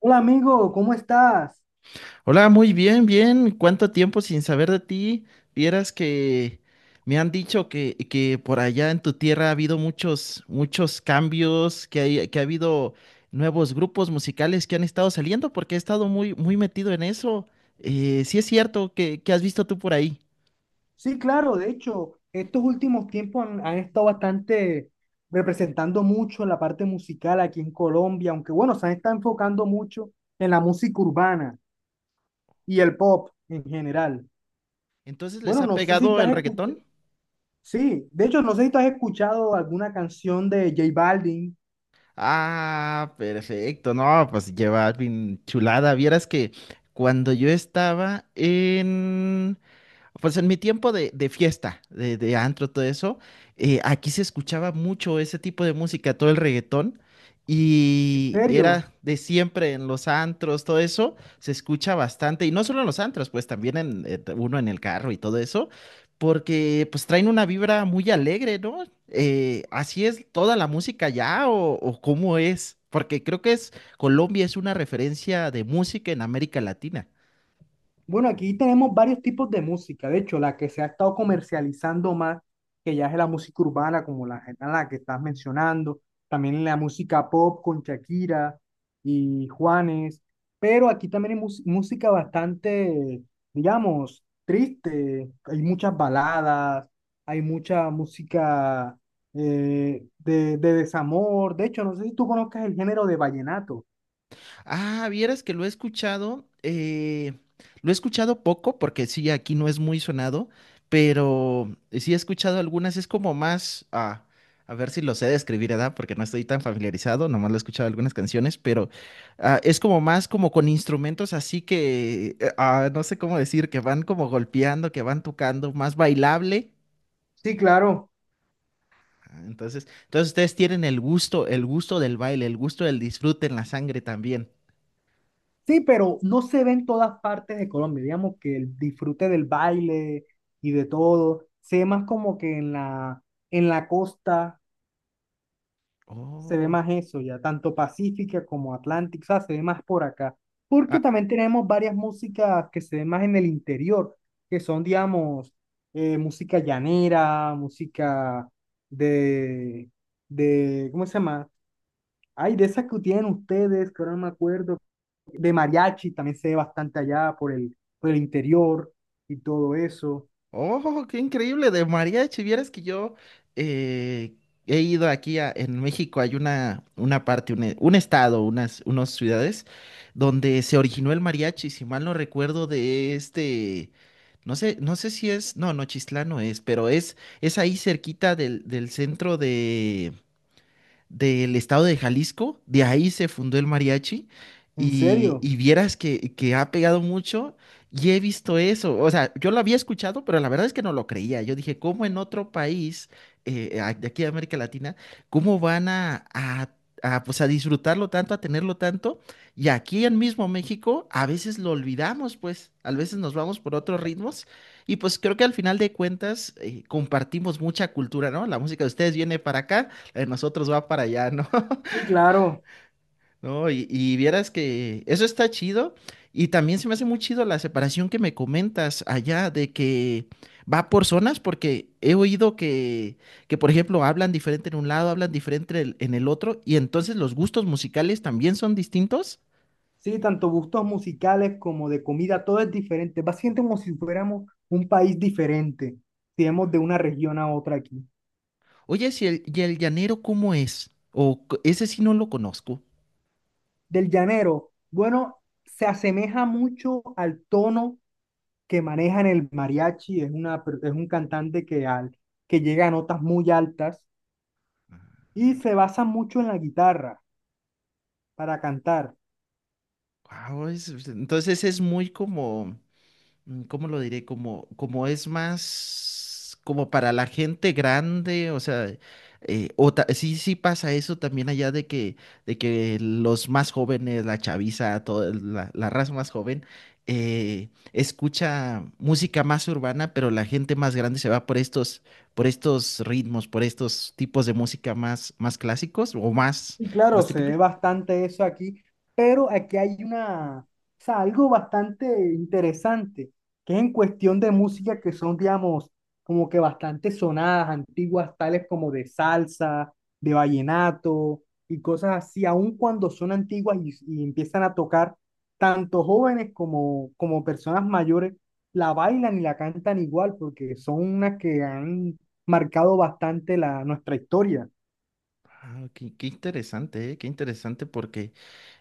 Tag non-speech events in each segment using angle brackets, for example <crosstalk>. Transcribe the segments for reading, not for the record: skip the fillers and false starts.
Hola amigo, ¿cómo estás? Hola, muy bien, bien. ¿Cuánto tiempo sin saber de ti? Vieras que me han dicho que por allá en tu tierra ha habido muchos cambios, que ha habido nuevos grupos musicales que han estado saliendo, porque he estado muy metido en eso. Sí es cierto que has visto tú por ahí. Sí, claro, de hecho, estos últimos tiempos han estado bastante representando mucho la parte musical aquí en Colombia, aunque bueno, se han estado enfocando mucho en la música urbana y el pop en general. Entonces, ¿les Bueno, ha no sé si pegado tú el has escuchado, reggaetón? sí, de hecho, no sé si tú has escuchado alguna canción de J Balvin, Ah, perfecto. No, pues lleva bien chulada. Vieras que cuando yo estaba en pues en mi tiempo de fiesta, de antro, todo eso, aquí se escuchaba mucho ese tipo de música, todo el reggaetón, en y serio. era de siempre en los antros, todo eso, se escucha bastante, y no solo en los antros, pues también en, uno en el carro y todo eso, porque pues traen una vibra muy alegre, ¿no? ¿Así es toda la música ya o cómo es? Porque creo que es Colombia es una referencia de música en América Latina. Bueno, aquí tenemos varios tipos de música. De hecho, la que se ha estado comercializando más, que ya es la música urbana, como la que estás mencionando, también la música pop con Shakira y Juanes, pero aquí también hay música bastante, digamos, triste. Hay muchas baladas, hay mucha música de, desamor. De hecho, no sé si tú conozcas el género de vallenato. Ah, vieras que lo he escuchado poco porque sí, aquí no es muy sonado, pero sí he escuchado algunas, es como más, a ver si lo sé describir, ¿verdad? Porque no estoy tan familiarizado, nomás lo he escuchado algunas canciones, pero es como más como con instrumentos así que, no sé cómo decir, que van como golpeando, que van tocando, más bailable. Sí, claro. Ah, entonces, entonces ustedes tienen el gusto del baile, el gusto del disfrute en la sangre también. Sí, pero no se ve en todas partes de Colombia. Digamos que el disfrute del baile y de todo se ve más como que en la costa se ve Oh. más eso ya, tanto Pacífica como Atlántica, o sea, se ve más por acá. Porque Ah. también tenemos varias músicas que se ven más en el interior, que son, digamos, música llanera, música de, ¿cómo se llama? Ay, de esas que tienen ustedes, que ahora no me acuerdo, de mariachi, también se ve bastante allá por el interior y todo eso. Oh, qué increíble, de mariachi. Vieras que yo eh, he ido aquí en México, hay una parte, un estado, unas, unas ciudades donde se originó el mariachi, si mal no recuerdo, de este, no sé, no sé si es, no, Nochistlán no es, pero es ahí cerquita del centro del estado de Jalisco, de ahí se fundó el mariachi ¿En serio? y vieras que ha pegado mucho y he visto eso, o sea, yo lo había escuchado, pero la verdad es que no lo creía, yo dije, ¿cómo en otro país de aquí de América Latina, cómo van pues, a disfrutarlo tanto, a tenerlo tanto? Y aquí en mismo México a veces lo olvidamos, pues, a veces nos vamos por otros ritmos. Y pues creo que al final de cuentas compartimos mucha cultura, ¿no? La música de ustedes viene para acá, en nosotros va para allá, ¿no? <laughs> Sí, claro. No, y vieras que eso está chido. Y también se me hace muy chido la separación que me comentas allá de que va por zonas, porque he oído que por ejemplo, hablan diferente en un lado, hablan diferente en el otro, y entonces los gustos musicales también son distintos. Sí, tanto gustos musicales como de comida, todo es diferente. Básicamente como si fuéramos un país diferente, si vemos de una región a otra aquí. Oye, si el, ¿y el llanero cómo es? O ese sí no lo conozco. Del llanero, bueno, se asemeja mucho al tono que manejan el mariachi, es un cantante que, que llega a notas muy altas y se basa mucho en la guitarra para cantar. Guau, entonces es muy como ¿cómo lo diré? Como, como es más como para la gente grande, o sea, sí, sí pasa eso también allá de que los más jóvenes, la chaviza, toda la, la raza más joven, escucha música más urbana, pero la gente más grande se va por estos ritmos, por estos tipos de música más, más clásicos o más, Y claro, más se ve típicos. bastante eso aquí, pero aquí hay una, o sea, algo bastante interesante, que es en cuestión de música que son, digamos, como que bastante sonadas, antiguas, tales como de salsa, de vallenato y cosas así, aun cuando son antiguas y empiezan a tocar, tanto jóvenes como, como personas mayores la bailan y la cantan igual, porque son unas que han marcado bastante nuestra historia. Ah, qué, qué interesante, qué interesante porque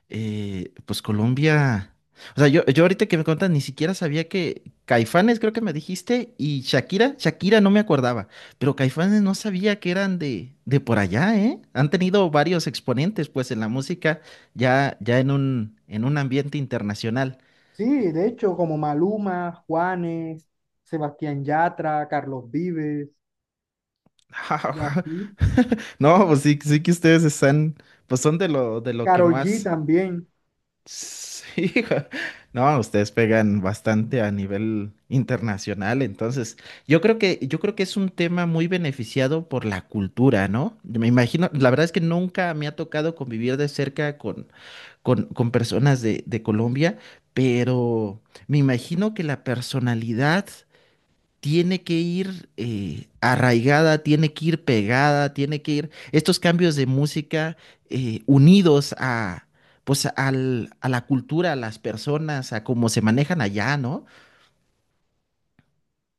pues Colombia. O sea, yo ahorita que me contas, ni siquiera sabía que Caifanes, creo que me dijiste, y Shakira, Shakira no me acordaba, pero Caifanes no sabía que eran de por allá, ¿eh? Han tenido varios exponentes, pues, en la música, ya, ya en un ambiente internacional. Sí, de hecho, como Maluma, Juanes, Sebastián Yatra, Carlos Vives, y <laughs> así. No, pues sí, sí que ustedes están, pues son de lo que Carol G más. también. Sí, <laughs> no, ustedes pegan bastante a nivel internacional, entonces yo creo que es un tema muy beneficiado por la cultura, ¿no? Yo me imagino, la verdad es que nunca me ha tocado convivir de cerca con, con personas de Colombia, pero me imagino que la personalidad tiene que ir arraigada, tiene que ir pegada, tiene que ir estos cambios de música unidos a, pues, a la cultura, a las personas, a cómo se manejan allá, ¿no?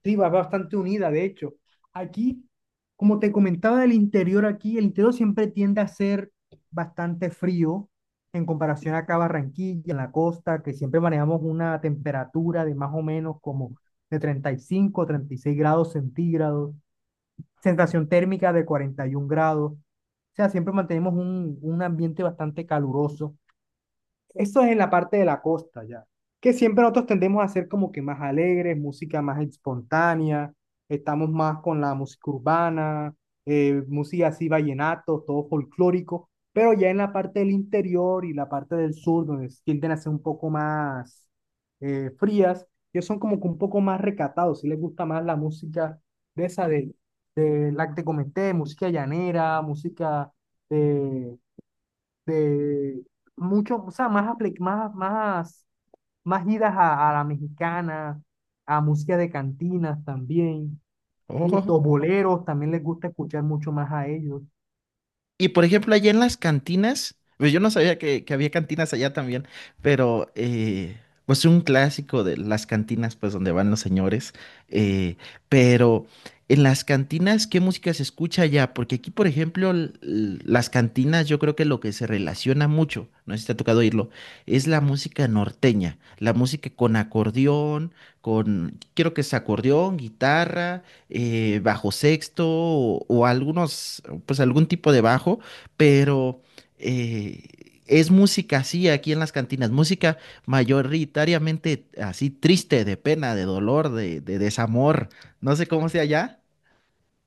Sí, va bastante unida, de hecho. Aquí, como te comentaba del interior, aquí el interior siempre tiende a ser bastante frío en comparación acá a Barranquilla, en la costa, que siempre manejamos una temperatura de más o menos como de 30 35 36 grados centígrados. Sensación térmica de 41 grados. O sea, siempre mantenemos un ambiente bastante caluroso, eso es en la parte de la costa ya, que siempre nosotros tendemos a ser como que más alegres, música más espontánea, estamos más con la música urbana, música así vallenato, todo folclórico, pero ya en la parte del interior y la parte del sur, donde tienden a ser un poco más frías, ellos son como que un poco más recatados, si les gusta más la música de esa de la que te comenté, música llanera, música de de mucho, o sea, más, más idas a la mexicana, a música de cantinas también, Oh. listo, boleros, también les gusta escuchar mucho más a ellos. Y por ejemplo, allá en las cantinas, pues yo no sabía que había cantinas allá también, pero pues un clásico de las cantinas, pues donde van los señores. eh, pero en las cantinas, ¿qué música se escucha allá? Porque aquí, por ejemplo, las cantinas, yo creo que lo que se relaciona mucho, no sé si te ha tocado oírlo, es la música norteña, la música con acordeón, con, quiero que es acordeón, guitarra bajo sexto o algunos, pues algún tipo de bajo, pero es música así aquí en las cantinas, música mayoritariamente así triste, de pena, de dolor, de desamor, no sé cómo sea allá.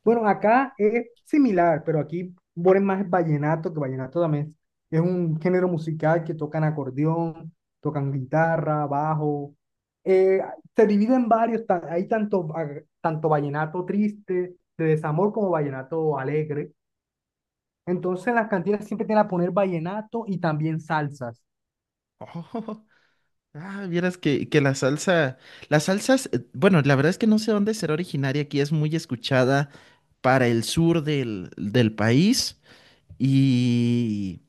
Bueno, acá es similar, pero aquí ponen más vallenato, que vallenato también es un género musical que tocan acordeón, tocan guitarra, bajo. Eh, Se divide en varios, hay tanto, tanto vallenato triste, de desamor, como vallenato alegre. Entonces las cantinas siempre te van a poner vallenato y también salsas. Oh, <laughs> ah, vieras que la salsa, las salsas, bueno, la verdad es que no sé dónde será originaria, aquí es muy escuchada para el sur del país y...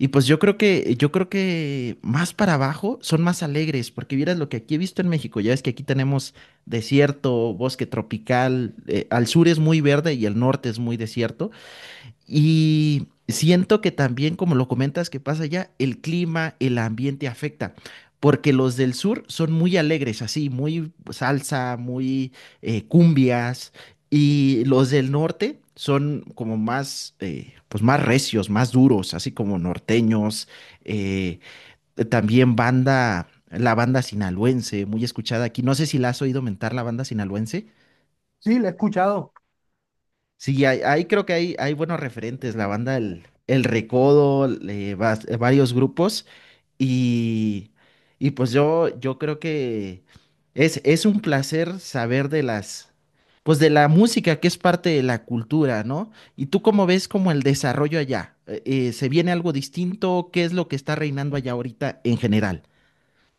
Y pues yo creo que más para abajo son más alegres, porque vieras lo que aquí he visto en México, ya ves que aquí tenemos desierto, bosque tropical, al sur es muy verde y el norte es muy desierto, y siento que también, como lo comentas, que pasa allá, el clima, el ambiente afecta, porque los del sur son muy alegres, así, muy salsa, muy cumbias, y los del norte son como más, pues más recios, más duros, así como norteños, eh, también banda, la banda sinaloense, muy escuchada aquí. No sé si la has oído mentar, la banda sinaloense. Sí, lo he escuchado. Sí, ahí creo que hay buenos referentes, la banda El Recodo, varios grupos y, y pues yo creo que es un placer saber de las, pues de la música que es parte de la cultura, ¿no? ¿Y tú cómo ves como el desarrollo allá? ¿Se viene algo distinto? ¿Qué es lo que está reinando allá ahorita en general?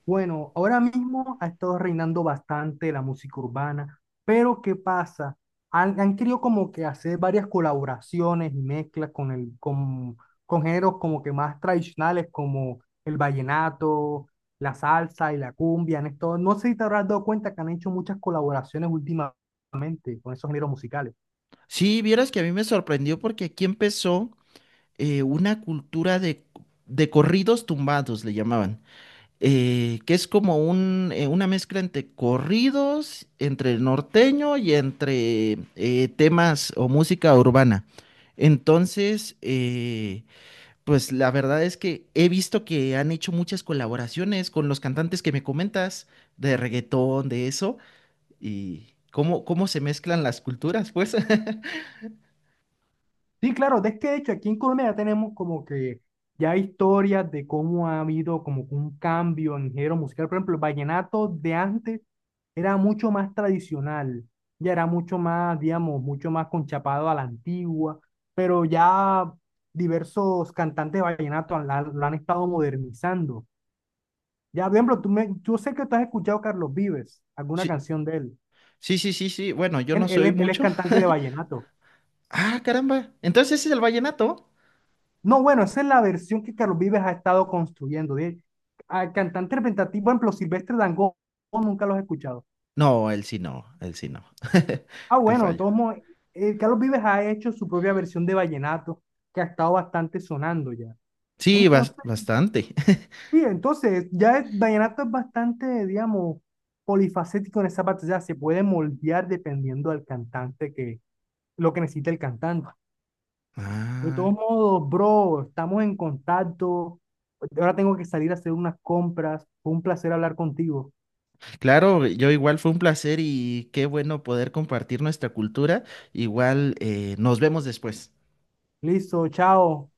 Bueno, ahora mismo ha estado reinando bastante la música urbana, pero ¿qué pasa? Han querido como que hacer varias colaboraciones y mezclas con géneros como que más tradicionales como el vallenato, la salsa y la cumbia. En esto, no sé si te habrás dado cuenta que han hecho muchas colaboraciones últimamente con esos géneros musicales. Sí, vieras que a mí me sorprendió porque aquí empezó una cultura de corridos tumbados, le llamaban. Que es como un, una mezcla entre corridos, entre norteño y entre temas o música urbana. Entonces, pues la verdad es que he visto que han hecho muchas colaboraciones con los cantantes que me comentas de reggaetón, de eso, y cómo, cómo se mezclan las culturas, pues. <laughs> Sí, claro, de este hecho, aquí en Colombia ya tenemos como que ya historias de cómo ha habido como que un cambio en género musical. Por ejemplo, el vallenato de antes era mucho más tradicional, ya era mucho más, digamos, mucho más conchapado a la antigua, pero ya diversos cantantes de vallenato lo han estado modernizando. Ya, por ejemplo, yo sé que tú has escuchado a Carlos Vives, alguna canción de él. Sí, sí, sí, sí, sí. Bueno, yo Él, no él, soy él es mucho. cantante de vallenato. Ah, caramba. Entonces ese es el vallenato. No, bueno, esa es la versión que Carlos Vives ha estado construyendo. De, a cantante representativo, por ejemplo, Silvestre Dangond, nunca los he escuchado. No, él sí no, él sí no. <laughs> Ah, Te bueno, de fallo. todos modos, Carlos Vives ha hecho su propia versión de vallenato, que ha estado bastante sonando ya. Sí, Entonces, bastante. <laughs> sí, entonces, ya el vallenato es bastante, digamos, polifacético en esa parte, ya se puede moldear dependiendo del cantante que, lo que necesita el cantante. De Ah, todos modos, bro, estamos en contacto. Ahora tengo que salir a hacer unas compras. Fue un placer hablar contigo. claro, yo igual fue un placer y qué bueno poder compartir nuestra cultura. Igual nos vemos después. Listo, chao.